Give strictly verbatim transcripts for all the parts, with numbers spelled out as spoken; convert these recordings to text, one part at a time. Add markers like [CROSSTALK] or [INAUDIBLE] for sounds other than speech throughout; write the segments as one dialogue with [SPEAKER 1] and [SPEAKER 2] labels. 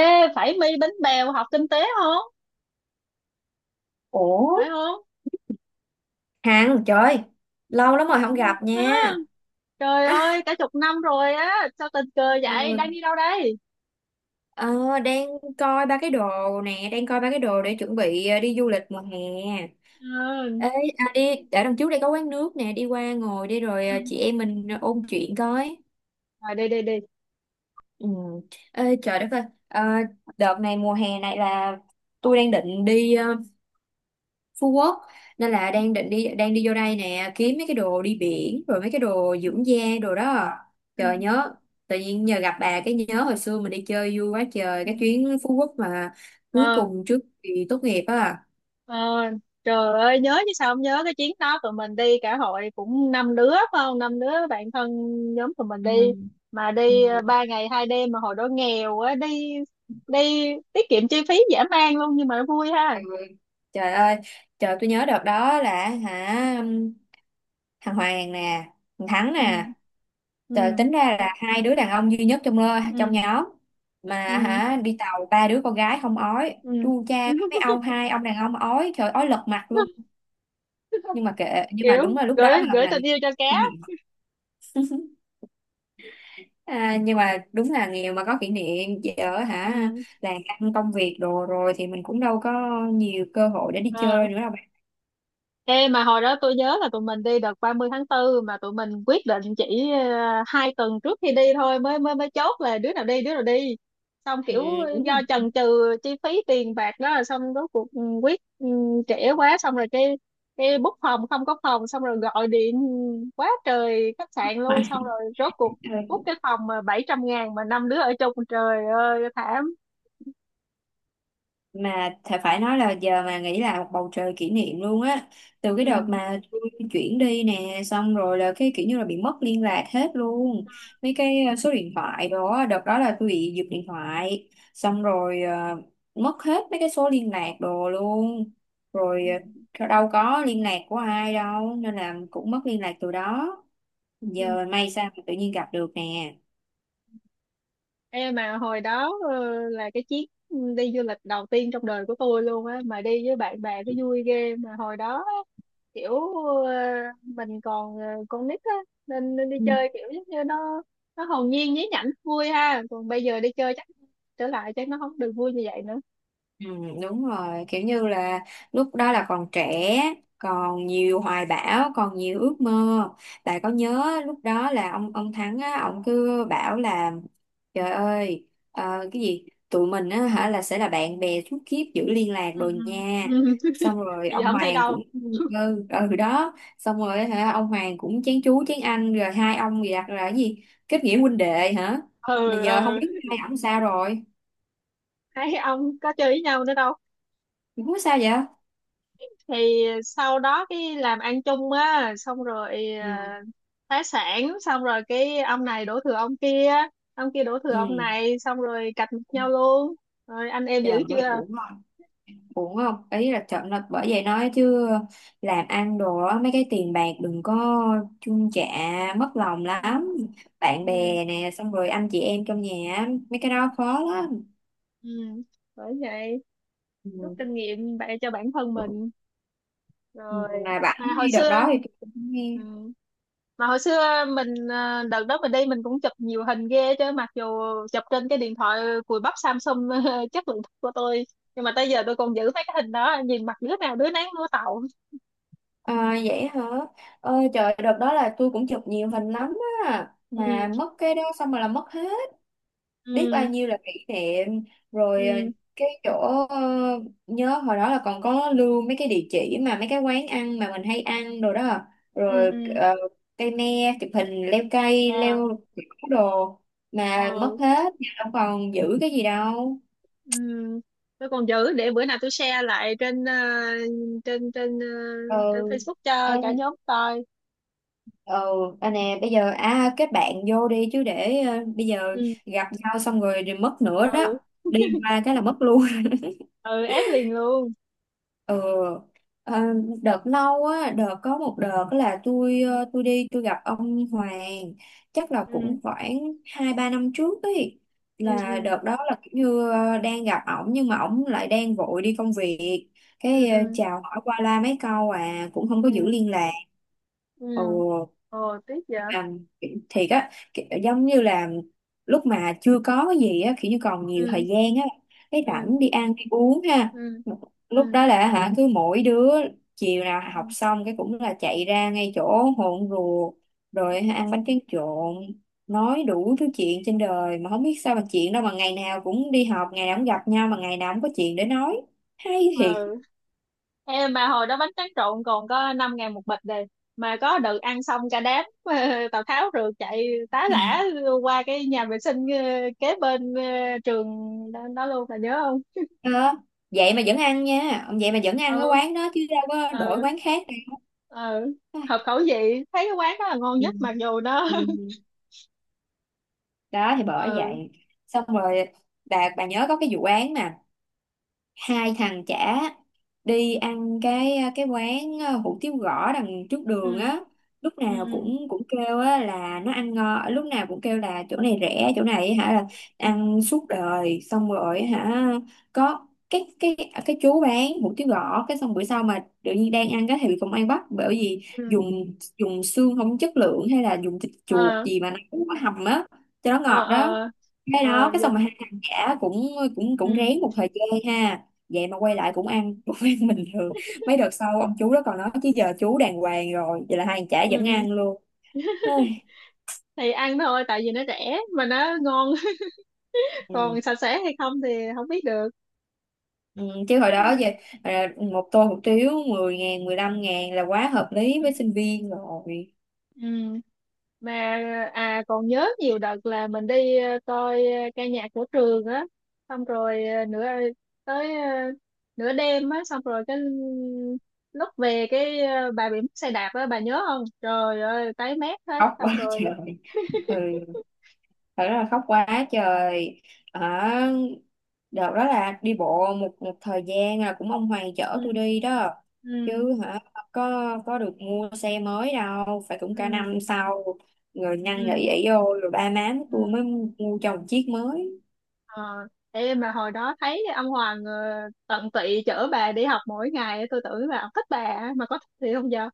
[SPEAKER 1] Ê, phải mi bánh bèo học kinh tế không?
[SPEAKER 2] Ủa,
[SPEAKER 1] Phải không?
[SPEAKER 2] Hằng trời, lâu lắm rồi không gặp
[SPEAKER 1] Đó.
[SPEAKER 2] nha.
[SPEAKER 1] Trời
[SPEAKER 2] à,
[SPEAKER 1] ơi, cả chục năm rồi á, sao tình cờ vậy? Đang
[SPEAKER 2] ừ,
[SPEAKER 1] đi đâu đây?
[SPEAKER 2] ờ, Đang coi ba cái đồ nè, đang coi ba cái đồ để chuẩn bị ờ, đi du lịch mùa hè.
[SPEAKER 1] Ừ.
[SPEAKER 2] Ê, à, đi ở đằng trước đây có quán nước nè, đi qua ngồi đi rồi
[SPEAKER 1] Ừ.
[SPEAKER 2] ờ, chị em mình ôn chuyện coi.
[SPEAKER 1] Rồi đi đi đi.
[SPEAKER 2] Ừ. Ê, trời đất ơi. Ờ, Đợt này, mùa hè này là tôi đang định đi ờ, Phú Quốc, nên là
[SPEAKER 1] Ừ.
[SPEAKER 2] đang định đi, đang đi vô đây nè kiếm mấy cái đồ đi biển rồi mấy cái đồ dưỡng da, đồ đó.
[SPEAKER 1] Ừ.
[SPEAKER 2] Trời nhớ, tự nhiên nhờ gặp bà cái nhớ hồi xưa mình đi chơi vui quá trời
[SPEAKER 1] ừ.
[SPEAKER 2] cái chuyến Phú Quốc mà cuối
[SPEAKER 1] Ờ,
[SPEAKER 2] cùng trước kỳ tốt nghiệp á.
[SPEAKER 1] ờ, trời ơi, nhớ chứ sao không nhớ? Cái chuyến đó tụi mình đi cả hội cũng năm đứa phải không? Năm đứa bạn thân nhóm tụi mình
[SPEAKER 2] Ừ.
[SPEAKER 1] đi, mà đi ờ,
[SPEAKER 2] Ừ.
[SPEAKER 1] ba ngày hai đêm, mà hồi đó nghèo á, đi đi tiết kiệm chi phí dã man luôn, nhưng mà vui ha.
[SPEAKER 2] Ừ. Trời ơi, trời tôi nhớ đợt đó là hả, thằng Hoàng nè, thằng Thắng nè.
[SPEAKER 1] Ừ.
[SPEAKER 2] Tờ-
[SPEAKER 1] Ừ.
[SPEAKER 2] tính ra là hai đứa đàn ông duy nhất trong trong
[SPEAKER 1] Ừ.
[SPEAKER 2] nhóm, mà
[SPEAKER 1] Ừ.
[SPEAKER 2] hả đi tàu ba đứa con gái không ói,
[SPEAKER 1] ừ.
[SPEAKER 2] chu cha, mấy mấy ông, hai ông đàn ông ói trời, ói lật mặt luôn.
[SPEAKER 1] [LAUGHS]
[SPEAKER 2] Nhưng mà kệ, nhưng mà
[SPEAKER 1] Kiểu
[SPEAKER 2] đúng là lúc đó
[SPEAKER 1] gửi
[SPEAKER 2] là
[SPEAKER 1] gửi
[SPEAKER 2] mình
[SPEAKER 1] tình yêu cho
[SPEAKER 2] kỷ
[SPEAKER 1] cá.
[SPEAKER 2] niệm. [LAUGHS] À, nhưng mà đúng là nghèo mà có kỷ niệm, ở hả.
[SPEAKER 1] Ừ.
[SPEAKER 2] Làm ăn công việc đồ rồi thì mình cũng đâu có nhiều cơ hội để đi
[SPEAKER 1] ờ.
[SPEAKER 2] chơi nữa đâu bạn.
[SPEAKER 1] Ê, mà hồi đó tôi nhớ là tụi mình đi đợt ba mươi tháng tư, mà tụi mình quyết định chỉ ờ, hai tuần trước khi đi thôi, mới mới mới chốt là đứa nào đi đứa nào đi, xong
[SPEAKER 2] Ừ,
[SPEAKER 1] kiểu
[SPEAKER 2] đúng
[SPEAKER 1] do chần chừ chi phí tiền bạc đó, xong rốt cuộc ừ, quyết ừ, trễ quá, xong rồi cái cái book phòng không có phòng, xong rồi gọi điện quá trời khách sạn luôn, xong rồi rốt cuộc
[SPEAKER 2] rồi.
[SPEAKER 1] book
[SPEAKER 2] [LAUGHS]
[SPEAKER 1] cái phòng mà bảy trăm ngàn mà năm đứa ở chung, trời ơi thảm.
[SPEAKER 2] Mà thà phải nói là giờ mà nghĩ là một bầu trời kỷ niệm luôn á. Từ cái đợt
[SPEAKER 1] Ừ.
[SPEAKER 2] mà tôi chuyển đi nè, xong rồi là cái kiểu như là bị mất liên lạc hết luôn mấy cái ờ, số điện thoại đó. Đợt đó là tôi bị giật điện thoại, xong rồi ờ, mất hết mấy cái số liên lạc đồ luôn rồi. Ờ, đâu có liên lạc của ai đâu nên là cũng mất liên lạc từ đó.
[SPEAKER 1] Ừ.
[SPEAKER 2] Giờ may sao mà tự nhiên gặp được nè.
[SPEAKER 1] Ê, mà hồi đó ờ, là cái chuyến đi du lịch đầu tiên trong đời của tôi luôn á, mà đi với bạn bè cái vui ghê. Mà hồi đó á, kiểu ờ, mình còn ờ, con nít á, nên, nên đi chơi kiểu giống như nó nó hồn nhiên nhí nhảnh vui ha, còn bây giờ đi chơi chắc trở lại chắc nó không được vui như vậy nữa.
[SPEAKER 2] Ừ, đúng rồi, kiểu như là lúc đó là còn trẻ, còn nhiều hoài bão, còn nhiều ước mơ. Tại có nhớ lúc đó là ông ông Thắng á, ông cứ bảo là trời ơi, ờ, cái gì tụi mình á hả là sẽ là bạn bè suốt kiếp, giữ liên lạc
[SPEAKER 1] Ừ.
[SPEAKER 2] rồi nha.
[SPEAKER 1] ừ. Ừ.
[SPEAKER 2] Xong
[SPEAKER 1] [LAUGHS]
[SPEAKER 2] rồi
[SPEAKER 1] Bây giờ
[SPEAKER 2] ông
[SPEAKER 1] không thấy
[SPEAKER 2] Hoàng
[SPEAKER 1] đâu.
[SPEAKER 2] cũng, ừ, ừ đó, xong rồi hả ông Hoàng cũng chén chú chén anh rồi, hai ông gì đặt là cái gì kết nghĩa huynh đệ hả, mà
[SPEAKER 1] Ừ.
[SPEAKER 2] giờ không
[SPEAKER 1] Ừ.
[SPEAKER 2] biết hai ông sao rồi.
[SPEAKER 1] Thấy ông có chơi với nhau nữa đâu.
[SPEAKER 2] Không sao vậy.
[SPEAKER 1] Thì sau đó cái làm ăn chung á, xong rồi ờ,
[SPEAKER 2] Ừ.
[SPEAKER 1] phá sản, xong rồi cái ông này đổ thừa ông kia, ông kia đổ thừa
[SPEAKER 2] Ừ.
[SPEAKER 1] ông này, xong rồi cạch mặt nhau luôn. Rồi anh em
[SPEAKER 2] Trời
[SPEAKER 1] dữ
[SPEAKER 2] ơi,
[SPEAKER 1] chưa.
[SPEAKER 2] uổng không? Uổng không? Ý là trận là bởi vậy nói chứ làm ăn đồ á, mấy cái tiền bạc đừng có chung chạ, mất lòng
[SPEAKER 1] Ừ.
[SPEAKER 2] lắm. Bạn
[SPEAKER 1] Ừ.
[SPEAKER 2] bè nè, xong rồi anh chị em trong nhà á, mấy cái đó khó lắm.
[SPEAKER 1] Ừ. Bởi vậy
[SPEAKER 2] Ừ.
[SPEAKER 1] rút kinh nghiệm bạn cho bản thân mình
[SPEAKER 2] Ừ,
[SPEAKER 1] rồi.
[SPEAKER 2] mà
[SPEAKER 1] Mà
[SPEAKER 2] bạn
[SPEAKER 1] hồi
[SPEAKER 2] đi đợt
[SPEAKER 1] xưa
[SPEAKER 2] đó thì tôi cũng nghe.
[SPEAKER 1] ừ. Mà hồi xưa mình ờ, đợt đó mình đi mình cũng chụp nhiều hình ghê chứ, mặc dù chụp trên cái điện thoại cùi bắp Samsung [LAUGHS] chất lượng thấp của tôi, nhưng mà tới giờ tôi còn giữ mấy cái hình đó, nhìn mặt đứa nào đứa nấy mua tậu.
[SPEAKER 2] À, vậy hả? Ơi trời, đợt đó là tôi cũng chụp nhiều hình lắm á. Mà
[SPEAKER 1] Ừ.
[SPEAKER 2] mất cái đó xong rồi là mất hết, biết bao
[SPEAKER 1] Ừ.
[SPEAKER 2] nhiêu là kỷ niệm rồi. ờ,
[SPEAKER 1] Ừ.
[SPEAKER 2] cái chỗ ờ, nhớ hồi đó là còn có lưu mấy cái địa chỉ mà mấy cái quán ăn mà mình hay ăn đồ đó
[SPEAKER 1] Ừ.
[SPEAKER 2] rồi.
[SPEAKER 1] Ừ.
[SPEAKER 2] ờ, Cây me chụp hình leo cây,
[SPEAKER 1] ờ.
[SPEAKER 2] leo kiểu đồ mà mất
[SPEAKER 1] ờ.
[SPEAKER 2] hết, giờ đâu còn giữ cái gì đâu.
[SPEAKER 1] ừ. Tôi còn giữ để bữa nào tôi share lại trên ờ, trên trên ờ,
[SPEAKER 2] Ừ.
[SPEAKER 1] trên Facebook cho
[SPEAKER 2] Em.
[SPEAKER 1] cả nhóm coi.
[SPEAKER 2] Ừ. À nè bây giờ à, kết bạn vô đi chứ, để ờ, bây giờ
[SPEAKER 1] Ừ.
[SPEAKER 2] gặp nhau xong rồi thì mất nữa đó,
[SPEAKER 1] Ừ. [LAUGHS]
[SPEAKER 2] đi qua cái là mất luôn.
[SPEAKER 1] Ừ. Ép liền luôn.
[SPEAKER 2] Ừ. Ờ, đợt lâu á, đợt có một đợt là tôi ờ, tôi đi tôi gặp ông Hoàng, chắc là
[SPEAKER 1] Ừ.
[SPEAKER 2] cũng khoảng hai ba năm trước ấy,
[SPEAKER 1] Ừ.
[SPEAKER 2] là
[SPEAKER 1] Ừ.
[SPEAKER 2] đợt đó là kiểu như ờ, đang gặp ổng nhưng mà ổng lại đang vội đi công việc, cái ờ,
[SPEAKER 1] Ừ.
[SPEAKER 2] chào hỏi qua la mấy câu à, cũng không
[SPEAKER 1] Ừ.
[SPEAKER 2] có giữ
[SPEAKER 1] Ừ.
[SPEAKER 2] liên lạc.
[SPEAKER 1] Ừ.
[SPEAKER 2] Ừ.
[SPEAKER 1] Ồ tiếc vậy.
[SPEAKER 2] Mà thiệt á, kiểu giống như là lúc mà chưa có cái gì á, kiểu như còn nhiều
[SPEAKER 1] Ừ.
[SPEAKER 2] thời gian á, cái
[SPEAKER 1] Ừ.
[SPEAKER 2] rảnh đi ăn đi uống ha.
[SPEAKER 1] Ừ. Ừ.
[SPEAKER 2] Lúc đó là hả cứ mỗi đứa chiều nào học
[SPEAKER 1] Ừ.
[SPEAKER 2] xong cái cũng là chạy ra ngay chỗ hồn ruột rồi hả, ăn bánh tráng trộn, nói đủ thứ chuyện trên đời mà không biết sao mà chuyện đâu mà ngày nào cũng đi học, ngày nào cũng gặp nhau mà ngày nào cũng có chuyện để nói, hay thiệt.
[SPEAKER 1] Ừ. Em mà hồi đó bánh tráng trộn còn có năm ngàn một bịch đây. Mà có đợt ăn xong cả đám [LAUGHS] Tào Tháo rượt chạy tá lả qua cái nhà vệ sinh ờ, kế bên ờ, trường đó, đó luôn, là nhớ không?
[SPEAKER 2] Ờ, vậy mà vẫn ăn nha, vậy mà vẫn ăn cái
[SPEAKER 1] Ừ.
[SPEAKER 2] quán đó chứ đâu có đổi
[SPEAKER 1] Ừ.
[SPEAKER 2] quán khác đâu.
[SPEAKER 1] Ừ. Hợp
[SPEAKER 2] Ai,
[SPEAKER 1] khẩu vị, thấy cái quán đó là ngon
[SPEAKER 2] ừ,
[SPEAKER 1] nhất, mặc dù nó.
[SPEAKER 2] ừ. [LAUGHS] Đó thì
[SPEAKER 1] [LAUGHS]
[SPEAKER 2] bởi
[SPEAKER 1] Ừ.
[SPEAKER 2] vậy. Xong rồi bà bà nhớ có cái vụ án mà hai thằng chả đi ăn cái cái quán ờ, hủ tiếu gõ đằng trước
[SPEAKER 1] Ừ.
[SPEAKER 2] đường á, lúc
[SPEAKER 1] Ừ.
[SPEAKER 2] nào cũng cũng kêu á là nó ăn ngon, lúc nào cũng kêu là chỗ này rẻ, chỗ này hả là
[SPEAKER 1] Ừ.
[SPEAKER 2] ăn suốt đời. Xong rồi hả có cái cái cái chú bán hủ tiếu gõ, cái xong bữa sau mà tự nhiên đang ăn cái thì bị công an bắt bởi vì
[SPEAKER 1] Ừ.
[SPEAKER 2] dùng dùng xương không chất lượng hay là dùng thịt chuột
[SPEAKER 1] Ờ.
[SPEAKER 2] gì mà nó cũng có hầm á cho nó
[SPEAKER 1] Ờ.
[SPEAKER 2] ngọt
[SPEAKER 1] Ờ.
[SPEAKER 2] đó. Cái
[SPEAKER 1] Ờ.
[SPEAKER 2] đó
[SPEAKER 1] Ờ.
[SPEAKER 2] cái xong mà
[SPEAKER 1] Dùng.
[SPEAKER 2] hai thằng chả cũng cũng cũng
[SPEAKER 1] Ừ.
[SPEAKER 2] rén một thời gian ha, vậy mà quay lại cũng ăn [LAUGHS] cũng ăn bình thường. Mấy đợt sau ông chú đó còn nói chứ giờ chú đàng hoàng rồi, vậy là hai thằng chả
[SPEAKER 1] Ừ.
[SPEAKER 2] vẫn
[SPEAKER 1] Ừ.
[SPEAKER 2] ăn luôn. Ôi,
[SPEAKER 1] Thì ăn thôi, tại vì nó rẻ mà nó ngon. [LAUGHS]
[SPEAKER 2] ừ.
[SPEAKER 1] Còn sạch sẽ hay không thì không biết được.
[SPEAKER 2] Ừ. Chứ hồi đó
[SPEAKER 1] Ừ.
[SPEAKER 2] về à, một tô hủ tiếu mười ngàn mười lăm ngàn là quá hợp lý với sinh viên rồi.
[SPEAKER 1] Ừ. Mà à còn nhớ nhiều đợt là mình đi ờ, coi ờ, ca nhạc của trường á, xong rồi ờ, nửa ờ, tới ờ, nửa đêm á, xong rồi cái lúc về cái ờ, bà bị mất xe đạp á, bà nhớ không? Trời ơi tái mét hết.
[SPEAKER 2] Khóc
[SPEAKER 1] Xong
[SPEAKER 2] quá
[SPEAKER 1] rồi.
[SPEAKER 2] trời. Ừ. Thật rất là khóc quá trời. À, đợt đó là đi bộ một một thời gian, là cũng ông Hoàng chở
[SPEAKER 1] Ừ.
[SPEAKER 2] tôi đi đó
[SPEAKER 1] Ừ.
[SPEAKER 2] chứ hả, có có được mua xe mới đâu, phải cũng cả
[SPEAKER 1] Ừ.
[SPEAKER 2] năm sau, người năn nỉ
[SPEAKER 1] Ừ.
[SPEAKER 2] ỷ vô rồi ba má
[SPEAKER 1] Ừ.
[SPEAKER 2] tôi mới mua cho một chiếc mới.
[SPEAKER 1] Ờ, em mà hồi đó thấy ông Hoàng ờ, tận tụy chở bà đi học mỗi ngày, tôi tưởng là ông thích bà á, mà có thích thì không giờ.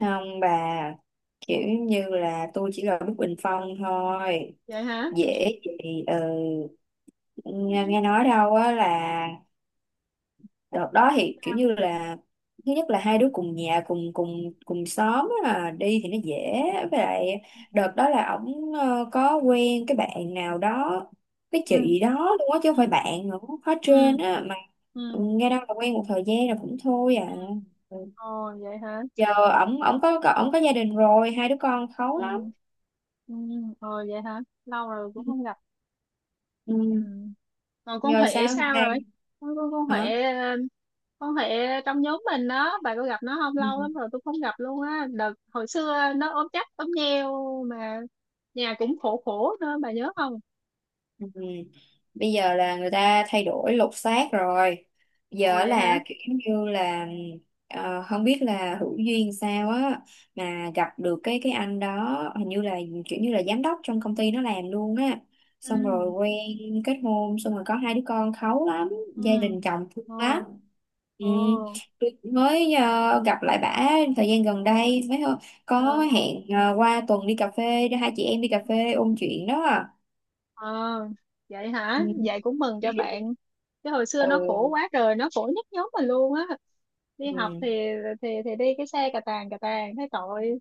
[SPEAKER 2] Không bà, kiểu như là tôi chỉ là bức bình phong thôi,
[SPEAKER 1] Vậy hả.
[SPEAKER 2] dễ gì. Ừ. nghe nghe nói đâu á là đợt đó thì kiểu như là thứ nhất là hai đứa cùng nhà cùng cùng cùng xóm á, à, đi thì nó dễ, với lại đợt đó là ổng ờ, có quen cái bạn nào đó, cái
[SPEAKER 1] Ừ.
[SPEAKER 2] chị đó luôn á chứ không
[SPEAKER 1] Ừ.
[SPEAKER 2] phải bạn nữa, khó trên
[SPEAKER 1] Ừ.
[SPEAKER 2] á mà.
[SPEAKER 1] Ừ.
[SPEAKER 2] Nghe đâu là quen một thời gian rồi cũng thôi à. Ừ.
[SPEAKER 1] Ồ vậy hả.
[SPEAKER 2] Giờ ổng ổng có có- ổng có gia đình rồi, hai đứa con khấu
[SPEAKER 1] Ừ.
[SPEAKER 2] lắm.
[SPEAKER 1] Ừ. Ừ. Ồ vậy hả, lâu rồi cũng
[SPEAKER 2] Ừ.
[SPEAKER 1] không gặp.
[SPEAKER 2] Ừ,
[SPEAKER 1] Ừ. Còn con
[SPEAKER 2] giờ
[SPEAKER 1] Huệ
[SPEAKER 2] sao
[SPEAKER 1] sao rồi?
[SPEAKER 2] đây.
[SPEAKER 1] con con con
[SPEAKER 2] Hả.
[SPEAKER 1] Huệ ờ, con Huệ trong nhóm mình đó, bà có gặp nó không?
[SPEAKER 2] Ừ.
[SPEAKER 1] Lâu lắm rồi tôi không gặp luôn á, đợt hồi xưa nó ốm chắc ốm nheo mà, nhà cũng khổ khổ nữa, bà nhớ không?
[SPEAKER 2] Ừ. Bây giờ là người ta thay đổi lột xác rồi,
[SPEAKER 1] Ồ
[SPEAKER 2] giờ
[SPEAKER 1] vậy
[SPEAKER 2] là
[SPEAKER 1] hả.
[SPEAKER 2] kiểu như là ờ, không biết là hữu duyên sao á mà gặp được cái cái anh đó, hình như là kiểu như là giám đốc trong công ty nó làm luôn á, xong rồi
[SPEAKER 1] Ừ.
[SPEAKER 2] quen, kết hôn, xong rồi có hai đứa con kháu lắm,
[SPEAKER 1] Ừ.
[SPEAKER 2] gia đình chồng thương lắm.
[SPEAKER 1] Ồ.
[SPEAKER 2] Ừ.
[SPEAKER 1] Ồ.
[SPEAKER 2] Tôi mới ờ, gặp lại bả thời gian gần đây mới hơ- có
[SPEAKER 1] Ờ.
[SPEAKER 2] hẹn ờ, qua tuần đi cà phê, hai chị em đi cà phê ôn chuyện đó à.
[SPEAKER 1] ờ vậy
[SPEAKER 2] Ừ.
[SPEAKER 1] hả, vậy cũng mừng cho bạn, chứ hồi xưa nó khổ
[SPEAKER 2] Ừ.
[SPEAKER 1] quá rồi, nó khổ nhất nhóm mình luôn á, đi
[SPEAKER 2] Ừ.
[SPEAKER 1] học thì thì thì đi cái xe cà tàng cà tàng thấy tội.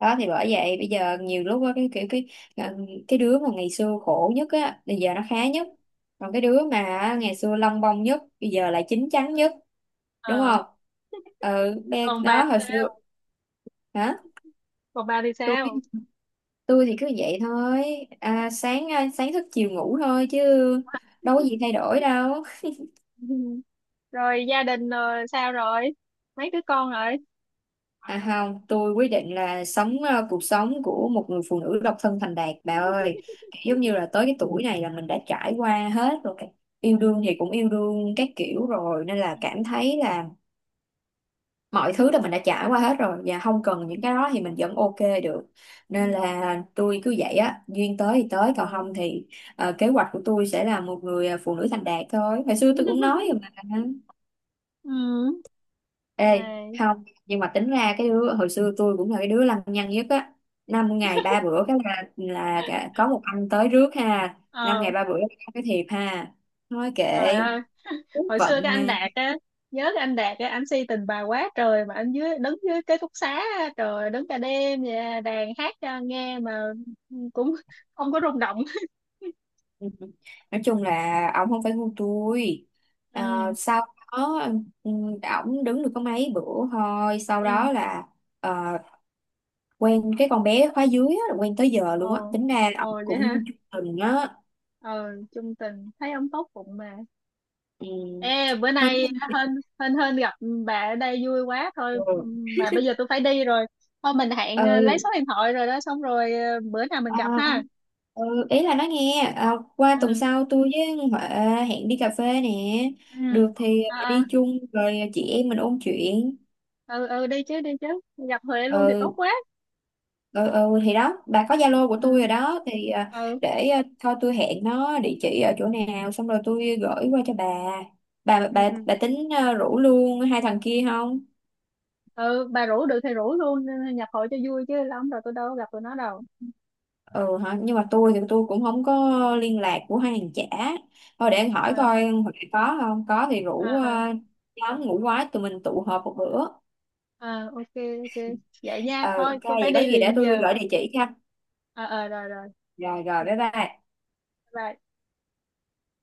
[SPEAKER 2] Đó thì bởi vậy bây giờ nhiều lúc á, cái kiểu cái ờ, cái đứa mà ngày xưa khổ nhất á bây giờ nó khá nhất, còn cái đứa mà ngày xưa lông bông nhất bây giờ lại chín chắn nhất, đúng
[SPEAKER 1] Ờ.
[SPEAKER 2] không. Ừ. Be-
[SPEAKER 1] còn bà
[SPEAKER 2] đó hồi xưa.
[SPEAKER 1] sao
[SPEAKER 2] Hả.
[SPEAKER 1] còn bà thì
[SPEAKER 2] Tôi biết,
[SPEAKER 1] sao?
[SPEAKER 2] tôi thì cứ vậy thôi, à, sáng à, sáng thức chiều ngủ thôi chứ đâu có gì thay
[SPEAKER 1] [LAUGHS]
[SPEAKER 2] đổi đâu.
[SPEAKER 1] Ừ. Rồi gia đình rồi sao rồi, mấy đứa con rồi?
[SPEAKER 2] À không, tôi quyết định là sống ờ, cuộc sống của một người phụ nữ độc thân thành đạt bà
[SPEAKER 1] [LAUGHS]
[SPEAKER 2] ơi.
[SPEAKER 1] Ừ.
[SPEAKER 2] Giống như là tới cái tuổi này là mình đã trải qua hết rồi. Cái- Yêu đương thì cũng yêu đương các kiểu rồi nên là cảm thấy là mọi thứ là mình đã trải qua hết rồi và không cần những cái đó thì mình vẫn ok được.
[SPEAKER 1] Ừ.
[SPEAKER 2] Nên
[SPEAKER 1] Ừ.
[SPEAKER 2] là tôi cứ vậy á, duyên tới thì tới, còn
[SPEAKER 1] Ờ.
[SPEAKER 2] không thì ờ, kế hoạch của tôi sẽ là một người ờ, phụ nữ thành đạt thôi. Hồi xưa tôi cũng nói rồi
[SPEAKER 1] [LAUGHS]
[SPEAKER 2] mà.
[SPEAKER 1] Ừ.
[SPEAKER 2] Ê,
[SPEAKER 1] Này.
[SPEAKER 2] không, nhưng mà tính ra cái đứa hồi xưa tôi cũng là cái đứa lăng nhăng nhất á. Năm ngày ba bữa cái là là cả- có một anh tới rước ha. Năm ngày
[SPEAKER 1] ờ
[SPEAKER 2] ba bữa cái thiệp ha. Nói kệ,
[SPEAKER 1] trời ơi,
[SPEAKER 2] số
[SPEAKER 1] hồi xưa
[SPEAKER 2] phận
[SPEAKER 1] cái anh
[SPEAKER 2] mà.
[SPEAKER 1] Đạt
[SPEAKER 2] [LAUGHS]
[SPEAKER 1] á, nhớ cái anh Đạt á, anh si tình bà quá trời mà, anh dưới đứng dưới cái ký túc xá á, trời ơi, đứng cả đêm vậy, à, đàn hát cho nghe mà cũng không có rung động.
[SPEAKER 2] Ừ. Nói chung là ổng không phải ngu tôi.
[SPEAKER 1] [LAUGHS]
[SPEAKER 2] Ờ,
[SPEAKER 1] Ừ.
[SPEAKER 2] sau đó ừ, ổng đứng được có mấy bữa thôi, sau
[SPEAKER 1] Ừ.
[SPEAKER 2] đó là ờ, quen cái con bé khóa dưới á, là quen tới giờ luôn á.
[SPEAKER 1] Ồ.
[SPEAKER 2] Tính ra ổng
[SPEAKER 1] Ồ vậy ha.
[SPEAKER 2] cũng chung tình á.
[SPEAKER 1] Ờ. Chung tình, thấy ông tốt bụng mà.
[SPEAKER 2] Ừ.
[SPEAKER 1] Ê bữa
[SPEAKER 2] Hơn.
[SPEAKER 1] nay hên. Hên hên gặp bà ở đây vui quá thôi.
[SPEAKER 2] Ừ.
[SPEAKER 1] Mà bây giờ tôi phải đi rồi, thôi mình
[SPEAKER 2] Ừ.
[SPEAKER 1] hẹn ờ, lấy số điện thoại rồi đó, xong rồi ờ, bữa nào mình
[SPEAKER 2] Ờ,
[SPEAKER 1] gặp ha.
[SPEAKER 2] ừ, ý là nói nghe ờ, qua tuần
[SPEAKER 1] Ừ.
[SPEAKER 2] sau tôi với Huệ hẹn đi cà phê nè,
[SPEAKER 1] Ừ.
[SPEAKER 2] được thì
[SPEAKER 1] Ờ,
[SPEAKER 2] bà
[SPEAKER 1] ờ.
[SPEAKER 2] đi chung rồi chị em mình ôn chuyện.
[SPEAKER 1] Ừ. Ừ. Đi chứ đi chứ, nhập Huệ luôn thì
[SPEAKER 2] Ừ,
[SPEAKER 1] tốt quá.
[SPEAKER 2] ừ, ừ thì đó bà có Zalo của tôi
[SPEAKER 1] Ừ.
[SPEAKER 2] rồi đó thì ờ,
[SPEAKER 1] Ừ.
[SPEAKER 2] để ờ, thôi tôi hẹn nó địa chỉ ở chỗ nào xong rồi tôi gửi qua cho bà. bà
[SPEAKER 1] Ừ.
[SPEAKER 2] bà
[SPEAKER 1] Ừ.
[SPEAKER 2] bà tính ờ, rủ luôn hai thằng kia không.
[SPEAKER 1] Ừ. Bà rủ được thì rủ luôn, nhập hội cho vui, chứ lâu lắm rồi tôi đâu có gặp tụi nó đâu.
[SPEAKER 2] Ừ hả, nhưng mà tôi thì tôi cũng không có liên lạc của hai hàng chả. Thôi để anh hỏi
[SPEAKER 1] À.
[SPEAKER 2] coi hồi nãy, có không có thì
[SPEAKER 1] À.
[SPEAKER 2] rủ
[SPEAKER 1] À.
[SPEAKER 2] ờ, nhóm ngủ quái tụi mình tụ họp một bữa.
[SPEAKER 1] À. Ok ok. Vậy nha,
[SPEAKER 2] Ờ
[SPEAKER 1] thôi
[SPEAKER 2] ok
[SPEAKER 1] tôi
[SPEAKER 2] vậy
[SPEAKER 1] phải
[SPEAKER 2] có
[SPEAKER 1] đi
[SPEAKER 2] gì để
[SPEAKER 1] liền
[SPEAKER 2] tôi
[SPEAKER 1] giờ.
[SPEAKER 2] gửi địa chỉ cho.
[SPEAKER 1] Ờ. Ờ. Rồi rồi.
[SPEAKER 2] Rồi rồi
[SPEAKER 1] Ok.
[SPEAKER 2] bye bye.
[SPEAKER 1] Bye.